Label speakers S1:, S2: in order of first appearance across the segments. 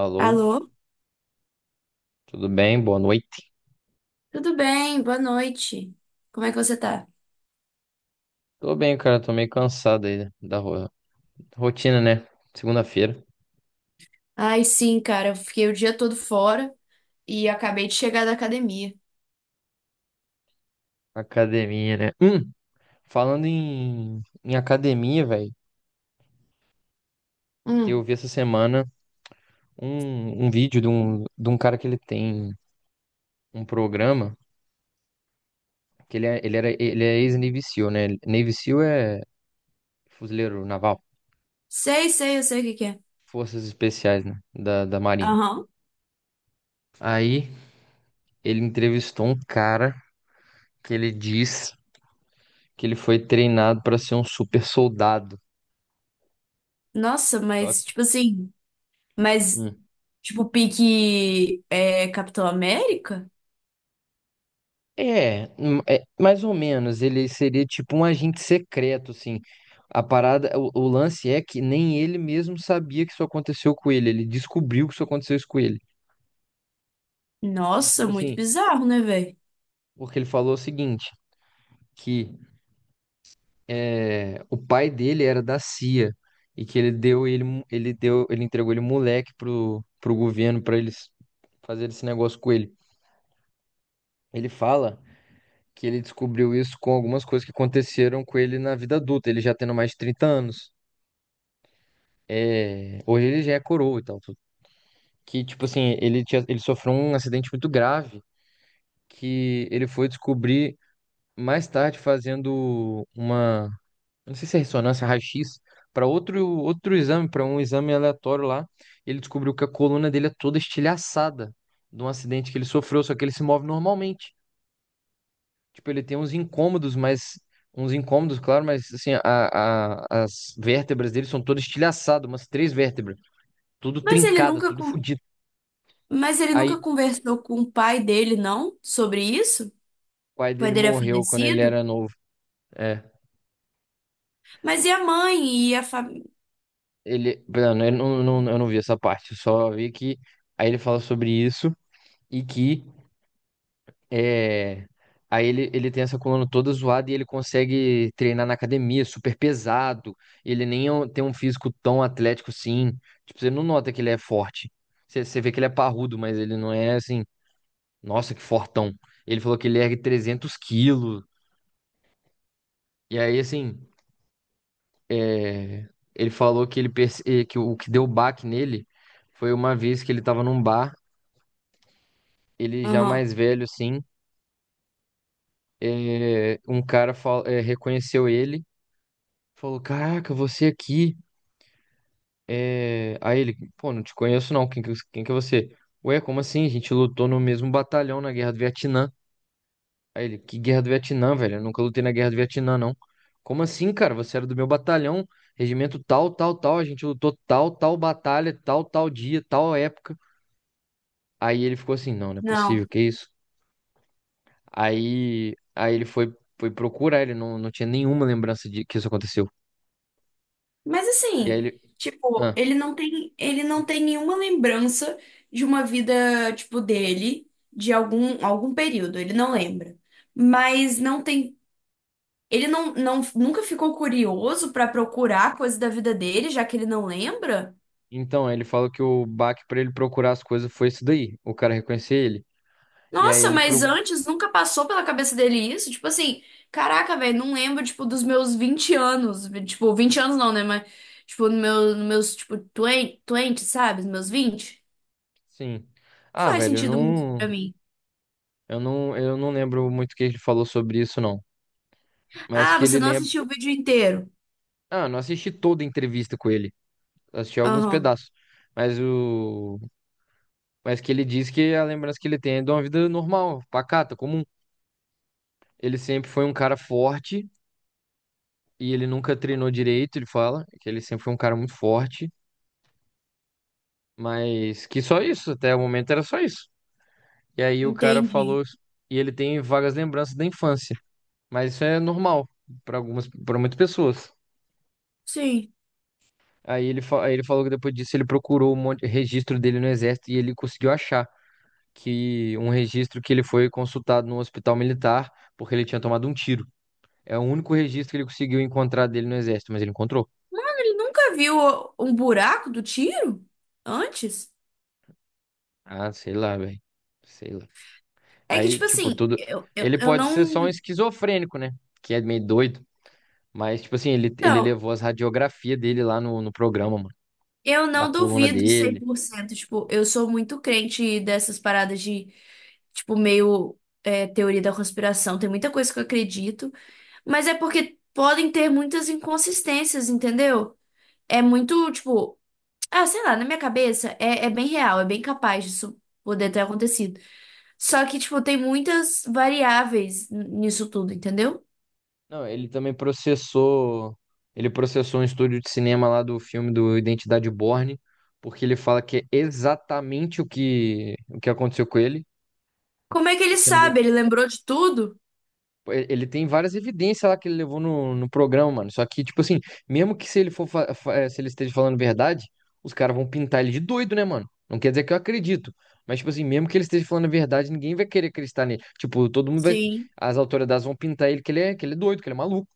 S1: Alô,
S2: Alô?
S1: tudo bem? Boa noite.
S2: Tudo bem? Boa noite. Como é que você tá?
S1: Tô bem, cara. Tô meio cansado aí da rotina, né? Segunda-feira,
S2: Ai, sim, cara. Eu fiquei o dia todo fora e acabei de chegar da academia.
S1: academia, né? Falando em academia, velho, eu
S2: Hum,
S1: vi essa semana um vídeo de um cara que ele tem um programa que ele é ex-Navy SEAL, né? Navy SEAL é fuzileiro naval,
S2: sei, eu sei o que que é.
S1: forças especiais, né? Da Marinha.
S2: Aham.
S1: Aí ele entrevistou um cara que ele diz que ele foi treinado para ser um super soldado.
S2: Nossa,
S1: Só
S2: mas,
S1: que-
S2: tipo assim, mas,
S1: Hum.
S2: tipo, pique é Capitão América?
S1: É, é, mais ou menos. Ele seria tipo um agente secreto, assim. A parada, o lance é que nem ele mesmo sabia que isso aconteceu com ele. Ele descobriu que isso aconteceu isso com ele. E,
S2: Nossa,
S1: tipo
S2: muito
S1: assim,
S2: bizarro, né, velho?
S1: porque ele falou o seguinte, que é, o pai dele era da CIA e que ele deu ele, mo- ele deu, ele entregou ele moleque pro governo para eles fazerem esse negócio com ele. Ele fala que ele descobriu isso com algumas coisas que aconteceram com ele na vida adulta, ele já tendo mais de 30 anos. É, hoje ele já é coroa e tal. Que, tipo assim, ele tinha, ele sofreu um acidente muito grave que ele foi descobrir mais tarde fazendo uma, não sei se é ressonância, raio-x, para outro exame, para um exame aleatório lá. Ele descobriu que a coluna dele é toda estilhaçada de um acidente que ele sofreu, só que ele se move normalmente. Tipo, ele tem uns incômodos, mas. Uns incômodos, claro, mas assim, as vértebras dele são todas estilhaçadas, umas três vértebras, tudo
S2: Mas ele
S1: trincada,
S2: nunca,
S1: tudo
S2: con-
S1: fodido.
S2: mas ele nunca conversou com o pai dele, não? Sobre isso? O
S1: Pai
S2: pai
S1: dele
S2: dele é
S1: morreu quando ele
S2: falecido?
S1: era novo. É.
S2: Mas e a mãe e a família?
S1: Ele, não, eu não vi essa parte, eu só vi que aí ele fala sobre isso e que é, aí ele tem essa coluna toda zoada e ele consegue treinar na academia, super pesado. Ele nem é um- tem um físico tão atlético assim. Tipo, você não nota que ele é forte. Você vê que ele é parrudo, mas ele não é assim, nossa, que fortão. Ele falou que ele ergue 300 quilos. E aí, assim. É, ele falou que que o que deu baque nele foi uma vez que ele estava num bar, ele já
S2: Aham.
S1: mais velho assim, reconheceu ele, falou: "Caraca, você aqui?" Aí ele: "Pô, não te conheço não, quem que é você?" "Ué, como assim? A gente lutou no mesmo batalhão na Guerra do Vietnã." Aí ele: "Que Guerra do Vietnã, velho? Eu nunca lutei na Guerra do Vietnã não." "Como assim, cara? Você era do meu batalhão, regimento tal, tal, tal, a gente lutou tal, tal batalha, tal, tal dia, tal época." Aí ele ficou assim, não, não é possível,
S2: Não.
S1: que isso? Aí ele foi, foi procurar, ele não, não tinha nenhuma lembrança de que isso aconteceu.
S2: Mas
S1: E aí
S2: assim,
S1: ele,
S2: tipo,
S1: ah,
S2: ele não tem nenhuma lembrança de uma vida, tipo, dele, de algum, algum período, ele não lembra. Mas não tem, ele não, não nunca ficou curioso pra procurar coisa da vida dele, já que ele não lembra?
S1: então, aí ele falou que o baque pra ele procurar as coisas foi isso daí, o cara reconhecer ele. E aí
S2: Nossa,
S1: ele,
S2: mas
S1: pro...
S2: antes nunca passou pela cabeça dele isso? Tipo assim, caraca, velho, não lembro, tipo, dos meus 20 anos, tipo, 20 anos não, né, mas tipo, no meu, nos meus, tipo, 20, 20, sabe? Nos meus 20,
S1: sim, ah,
S2: não faz
S1: velho,
S2: sentido muito pra mim.
S1: eu não lembro muito o que ele falou sobre isso, não. Mas
S2: Ah,
S1: que ele
S2: você não
S1: lembra,
S2: assistiu o vídeo inteiro.
S1: ah, não assisti toda a entrevista com ele, assisti alguns
S2: Aham,
S1: pedaços. Mas o, mas que ele diz que a lembrança que ele tem é de uma vida normal, pacata, comum. Ele sempre foi um cara forte e ele nunca treinou direito, ele fala, que ele sempre foi um cara muito forte, mas que só isso, até o momento era só isso. E aí o cara
S2: entendi.
S1: falou, e ele tem vagas lembranças da infância, mas isso é normal para para muitas pessoas.
S2: Sim.
S1: Aí ele falou que depois disso ele procurou um monte, registro dele no exército e ele conseguiu achar que um registro que ele foi consultado no hospital militar porque ele tinha tomado um tiro. É o único registro que ele conseguiu encontrar dele no exército, mas ele encontrou.
S2: Ele nunca viu um buraco do tiro antes?
S1: Ah, sei lá, velho. Sei lá.
S2: É que,
S1: Aí,
S2: tipo
S1: tipo,
S2: assim,
S1: tudo.
S2: eu, eu,
S1: Ele
S2: eu
S1: pode ser só um
S2: não.
S1: esquizofrênico, né? Que é meio doido. Mas, tipo assim, ele
S2: Então,
S1: levou as radiografias dele lá no programa, mano.
S2: eu
S1: Da
S2: não
S1: coluna
S2: duvido cem
S1: dele.
S2: por cento. Tipo, eu sou muito crente dessas paradas de, tipo, meio é, teoria da conspiração. Tem muita coisa que eu acredito, mas é porque podem ter muitas inconsistências, entendeu? É muito, tipo. Ah, sei lá, na minha cabeça é bem real, é bem capaz disso poder ter acontecido. Só que, tipo, tem muitas variáveis nisso tudo, entendeu?
S1: Não, ele também processou. Ele processou um estúdio de cinema lá do filme do Identidade Borne, porque ele fala que é exatamente o que aconteceu com ele.
S2: Como é que ele
S1: Porque no Iden-
S2: sabe? Ele lembrou de tudo?
S1: Ele tem várias evidências lá que ele levou no programa, mano. Só que, tipo assim, mesmo que se ele for, fa- fa- eh, se ele esteja falando verdade, os caras vão pintar ele de doido, né, mano? Não quer dizer que eu acredito. Mas, tipo assim, mesmo que ele esteja falando a verdade, ninguém vai querer acreditar nele. Tipo, todo mundo vai.
S2: Sim,
S1: As autoridades vão pintar ele que que ele é doido, que ele é maluco.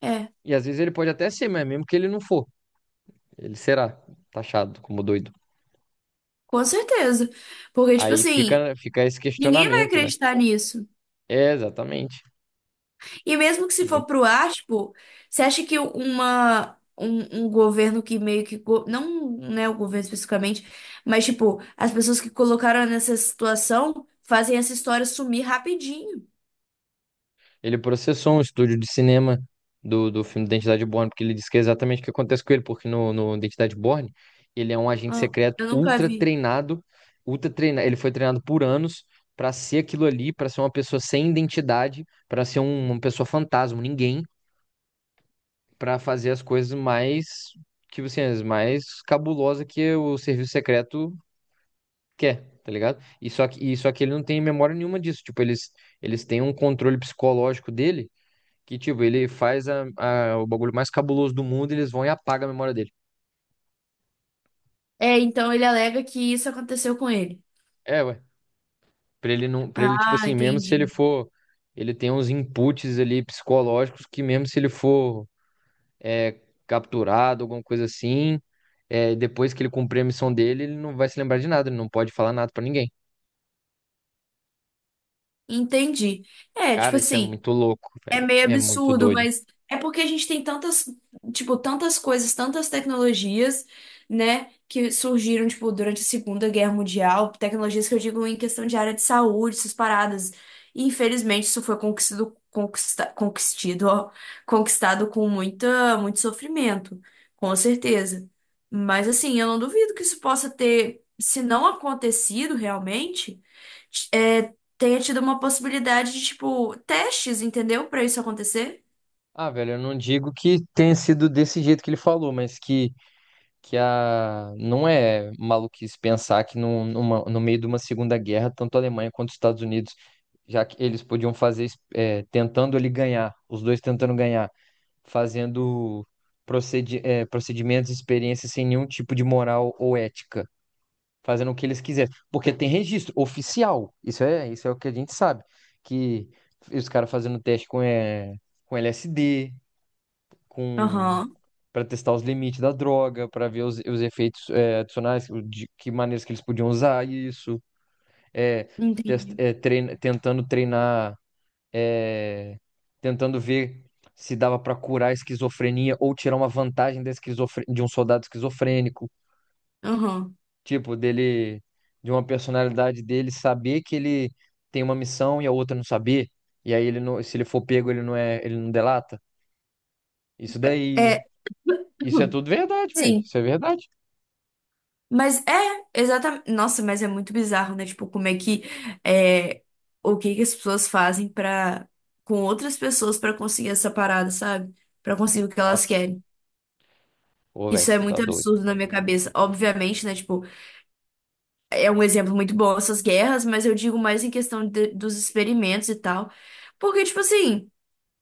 S2: é,
S1: E às vezes ele pode até ser, mas mesmo que ele não for, ele será taxado como doido.
S2: com certeza. Porque, tipo assim,
S1: Fica esse
S2: ninguém vai
S1: questionamento, né?
S2: acreditar nisso.
S1: É, exatamente.
S2: E mesmo que se for pro ar, tipo, você acha que uma. Um governo que meio que. Não, né, o governo especificamente, mas, tipo, as pessoas que colocaram nessa situação fazem essa história sumir rapidinho.
S1: Ele processou um estúdio de cinema do filme Identidade Bourne, porque ele disse que é exatamente o que acontece com ele, porque no Identidade Bourne, ele é um agente
S2: Ah,
S1: secreto
S2: eu nunca vi.
S1: ultra treinado, ele foi treinado por anos para ser aquilo ali, para ser uma pessoa sem identidade, uma pessoa fantasma, um ninguém, para fazer as coisas mais, tipo assim, as mais cabulosa que o serviço secreto quer. Tá ligado? E só que ele não tem memória nenhuma disso. Tipo, eles têm um controle psicológico dele que, tipo, ele faz o bagulho mais cabuloso do mundo e eles vão e apagam a memória dele.
S2: É, então ele alega que isso aconteceu com ele.
S1: É, ué. Pra ele não. Pra ele, tipo
S2: Ah,
S1: assim, mesmo se ele
S2: entendi.
S1: for. Ele tem uns inputs ali psicológicos que, mesmo se ele for é, capturado, alguma coisa assim, é, depois que ele cumprir a missão dele, ele não vai se lembrar de nada, ele não pode falar nada pra ninguém.
S2: Entendi. É, tipo
S1: Cara, isso é
S2: assim,
S1: muito louco,
S2: é
S1: velho.
S2: meio
S1: É muito
S2: absurdo,
S1: doido.
S2: mas é porque a gente tem tantas, tipo, tantas coisas, tantas tecnologias, né, que surgiram, tipo, durante a Segunda Guerra Mundial, tecnologias que eu digo em questão de área de saúde, essas paradas. E, infelizmente, isso foi conquistado, conquista, conquistido, ó, conquistado com muita, muito sofrimento, com certeza. Mas, assim, eu não duvido que isso possa ter, se não acontecido realmente é, tenha tido uma possibilidade de, tipo, testes, entendeu? Pra isso acontecer.
S1: Ah, velho, eu não digo que tenha sido desse jeito que ele falou, mas que. Que a... não é maluquice pensar que no meio de uma Segunda Guerra, tanto a Alemanha quanto os Estados Unidos, já que eles podiam fazer, tentando ali ganhar, os dois tentando ganhar, fazendo procedimentos e experiências sem nenhum tipo de moral ou ética, fazendo o que eles quiserem. Porque tem registro oficial, isso é o que a gente sabe, que os caras fazendo teste com, é, com LSD, com
S2: Aham,
S1: para testar os limites da droga, para ver os efeitos é, adicionais, o de que maneiras que eles podiam usar isso, é,
S2: entendi.
S1: tentando treinar, é, tentando ver se dava para curar a esquizofrenia ou tirar uma vantagem da de um soldado esquizofrênico,
S2: Aham.
S1: tipo dele, de uma personalidade dele saber que ele tem uma missão e a outra não saber, e aí ele não, se ele for pego ele não delata. Isso daí,
S2: É,
S1: isso é tudo verdade, velho.
S2: sim.
S1: Isso é verdade.
S2: Mas é, exatamente. Nossa, mas é muito bizarro, né? Tipo, como é que. É, o que que as pessoas fazem para com outras pessoas para conseguir essa parada, sabe? Para conseguir o que elas
S1: Nossa.
S2: querem.
S1: Pô, velho,
S2: Isso é
S1: você tá
S2: muito
S1: doido.
S2: absurdo na minha cabeça. Obviamente, né? Tipo, é um exemplo muito bom essas guerras, mas eu digo mais em questão dos experimentos e tal. Porque, tipo assim.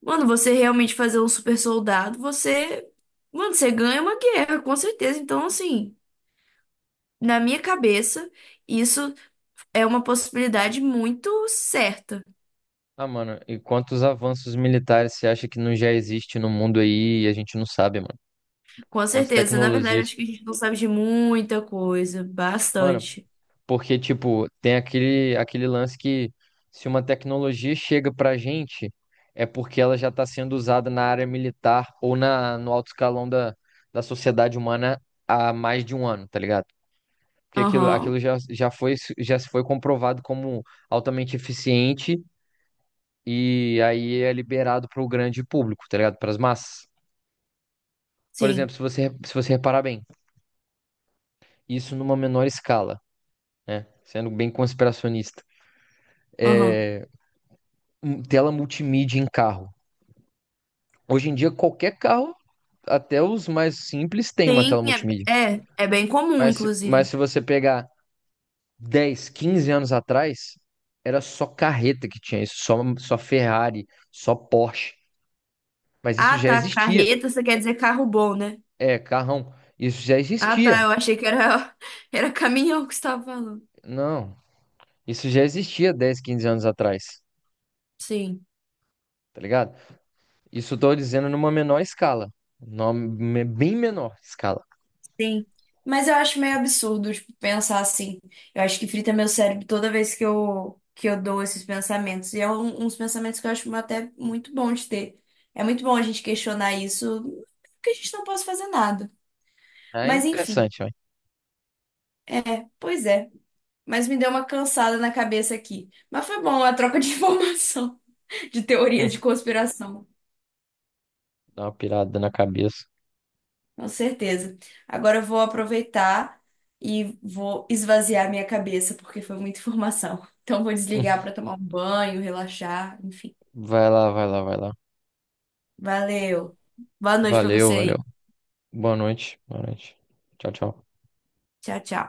S2: Mano, você realmente fazer um super soldado, você. Mano, você ganha uma guerra, com certeza. Então, assim, na minha cabeça, isso é uma possibilidade muito certa.
S1: Ah, mano, e quantos avanços militares você acha que não já existe no mundo aí e a gente não sabe, mano?
S2: Com
S1: Quantas
S2: certeza. Na verdade,
S1: tecnologias?
S2: acho que a gente não sabe de muita coisa.
S1: Mano,
S2: Bastante.
S1: porque, tipo, tem aquele lance que se uma tecnologia chega pra gente, é porque ela já tá sendo usada na área militar ou na, no alto escalão da sociedade humana há mais de um ano, tá ligado? Porque aquilo,
S2: Aham.
S1: aquilo já, já foi, já se foi comprovado como altamente eficiente e aí é liberado para o grande público, tá ligado? Para as massas. Por
S2: Sim.
S1: exemplo, se você reparar bem, isso numa menor escala, né? Sendo bem conspiracionista.
S2: Aham.
S1: Tela multimídia em carro. Hoje em dia, qualquer carro, até os mais simples, tem uma
S2: Sim,
S1: tela multimídia.
S2: é bem comum,
S1: Mas
S2: inclusive.
S1: se você pegar 10, 15 anos atrás, era só carreta que tinha isso, só Ferrari, só Porsche. Mas isso
S2: Ah,
S1: já
S2: tá.
S1: existia.
S2: Carreta, você quer dizer carro bom, né?
S1: É, carrão. Isso já
S2: Ah, tá.
S1: existia.
S2: Eu achei que era, era caminhão que você estava falando.
S1: Não, isso já existia 10, 15 anos atrás,
S2: Sim.
S1: tá ligado? Isso estou dizendo numa menor escala, bem menor escala.
S2: Sim. Mas eu acho meio absurdo, tipo, pensar assim. Eu acho que frita meu cérebro toda vez que eu dou esses pensamentos. E é um, uns pensamentos que eu acho até muito bom de ter. É muito bom a gente questionar isso, porque a gente não pode fazer nada.
S1: É
S2: Mas enfim,
S1: interessante, ó.
S2: é, pois é. Mas me deu uma cansada na cabeça aqui. Mas foi bom a troca de informação, de teorias de
S1: Hum,
S2: conspiração.
S1: dá uma pirada na cabeça.
S2: Com certeza. Agora eu vou aproveitar e vou esvaziar minha cabeça, porque foi muita informação. Então vou
S1: Hum,
S2: desligar para tomar um banho, relaxar, enfim.
S1: vai lá, vai lá, vai lá.
S2: Valeu. Boa noite para você
S1: Valeu, valeu.
S2: aí.
S1: Boa noite, boa noite. Tchau, tchau.
S2: Tchau, tchau.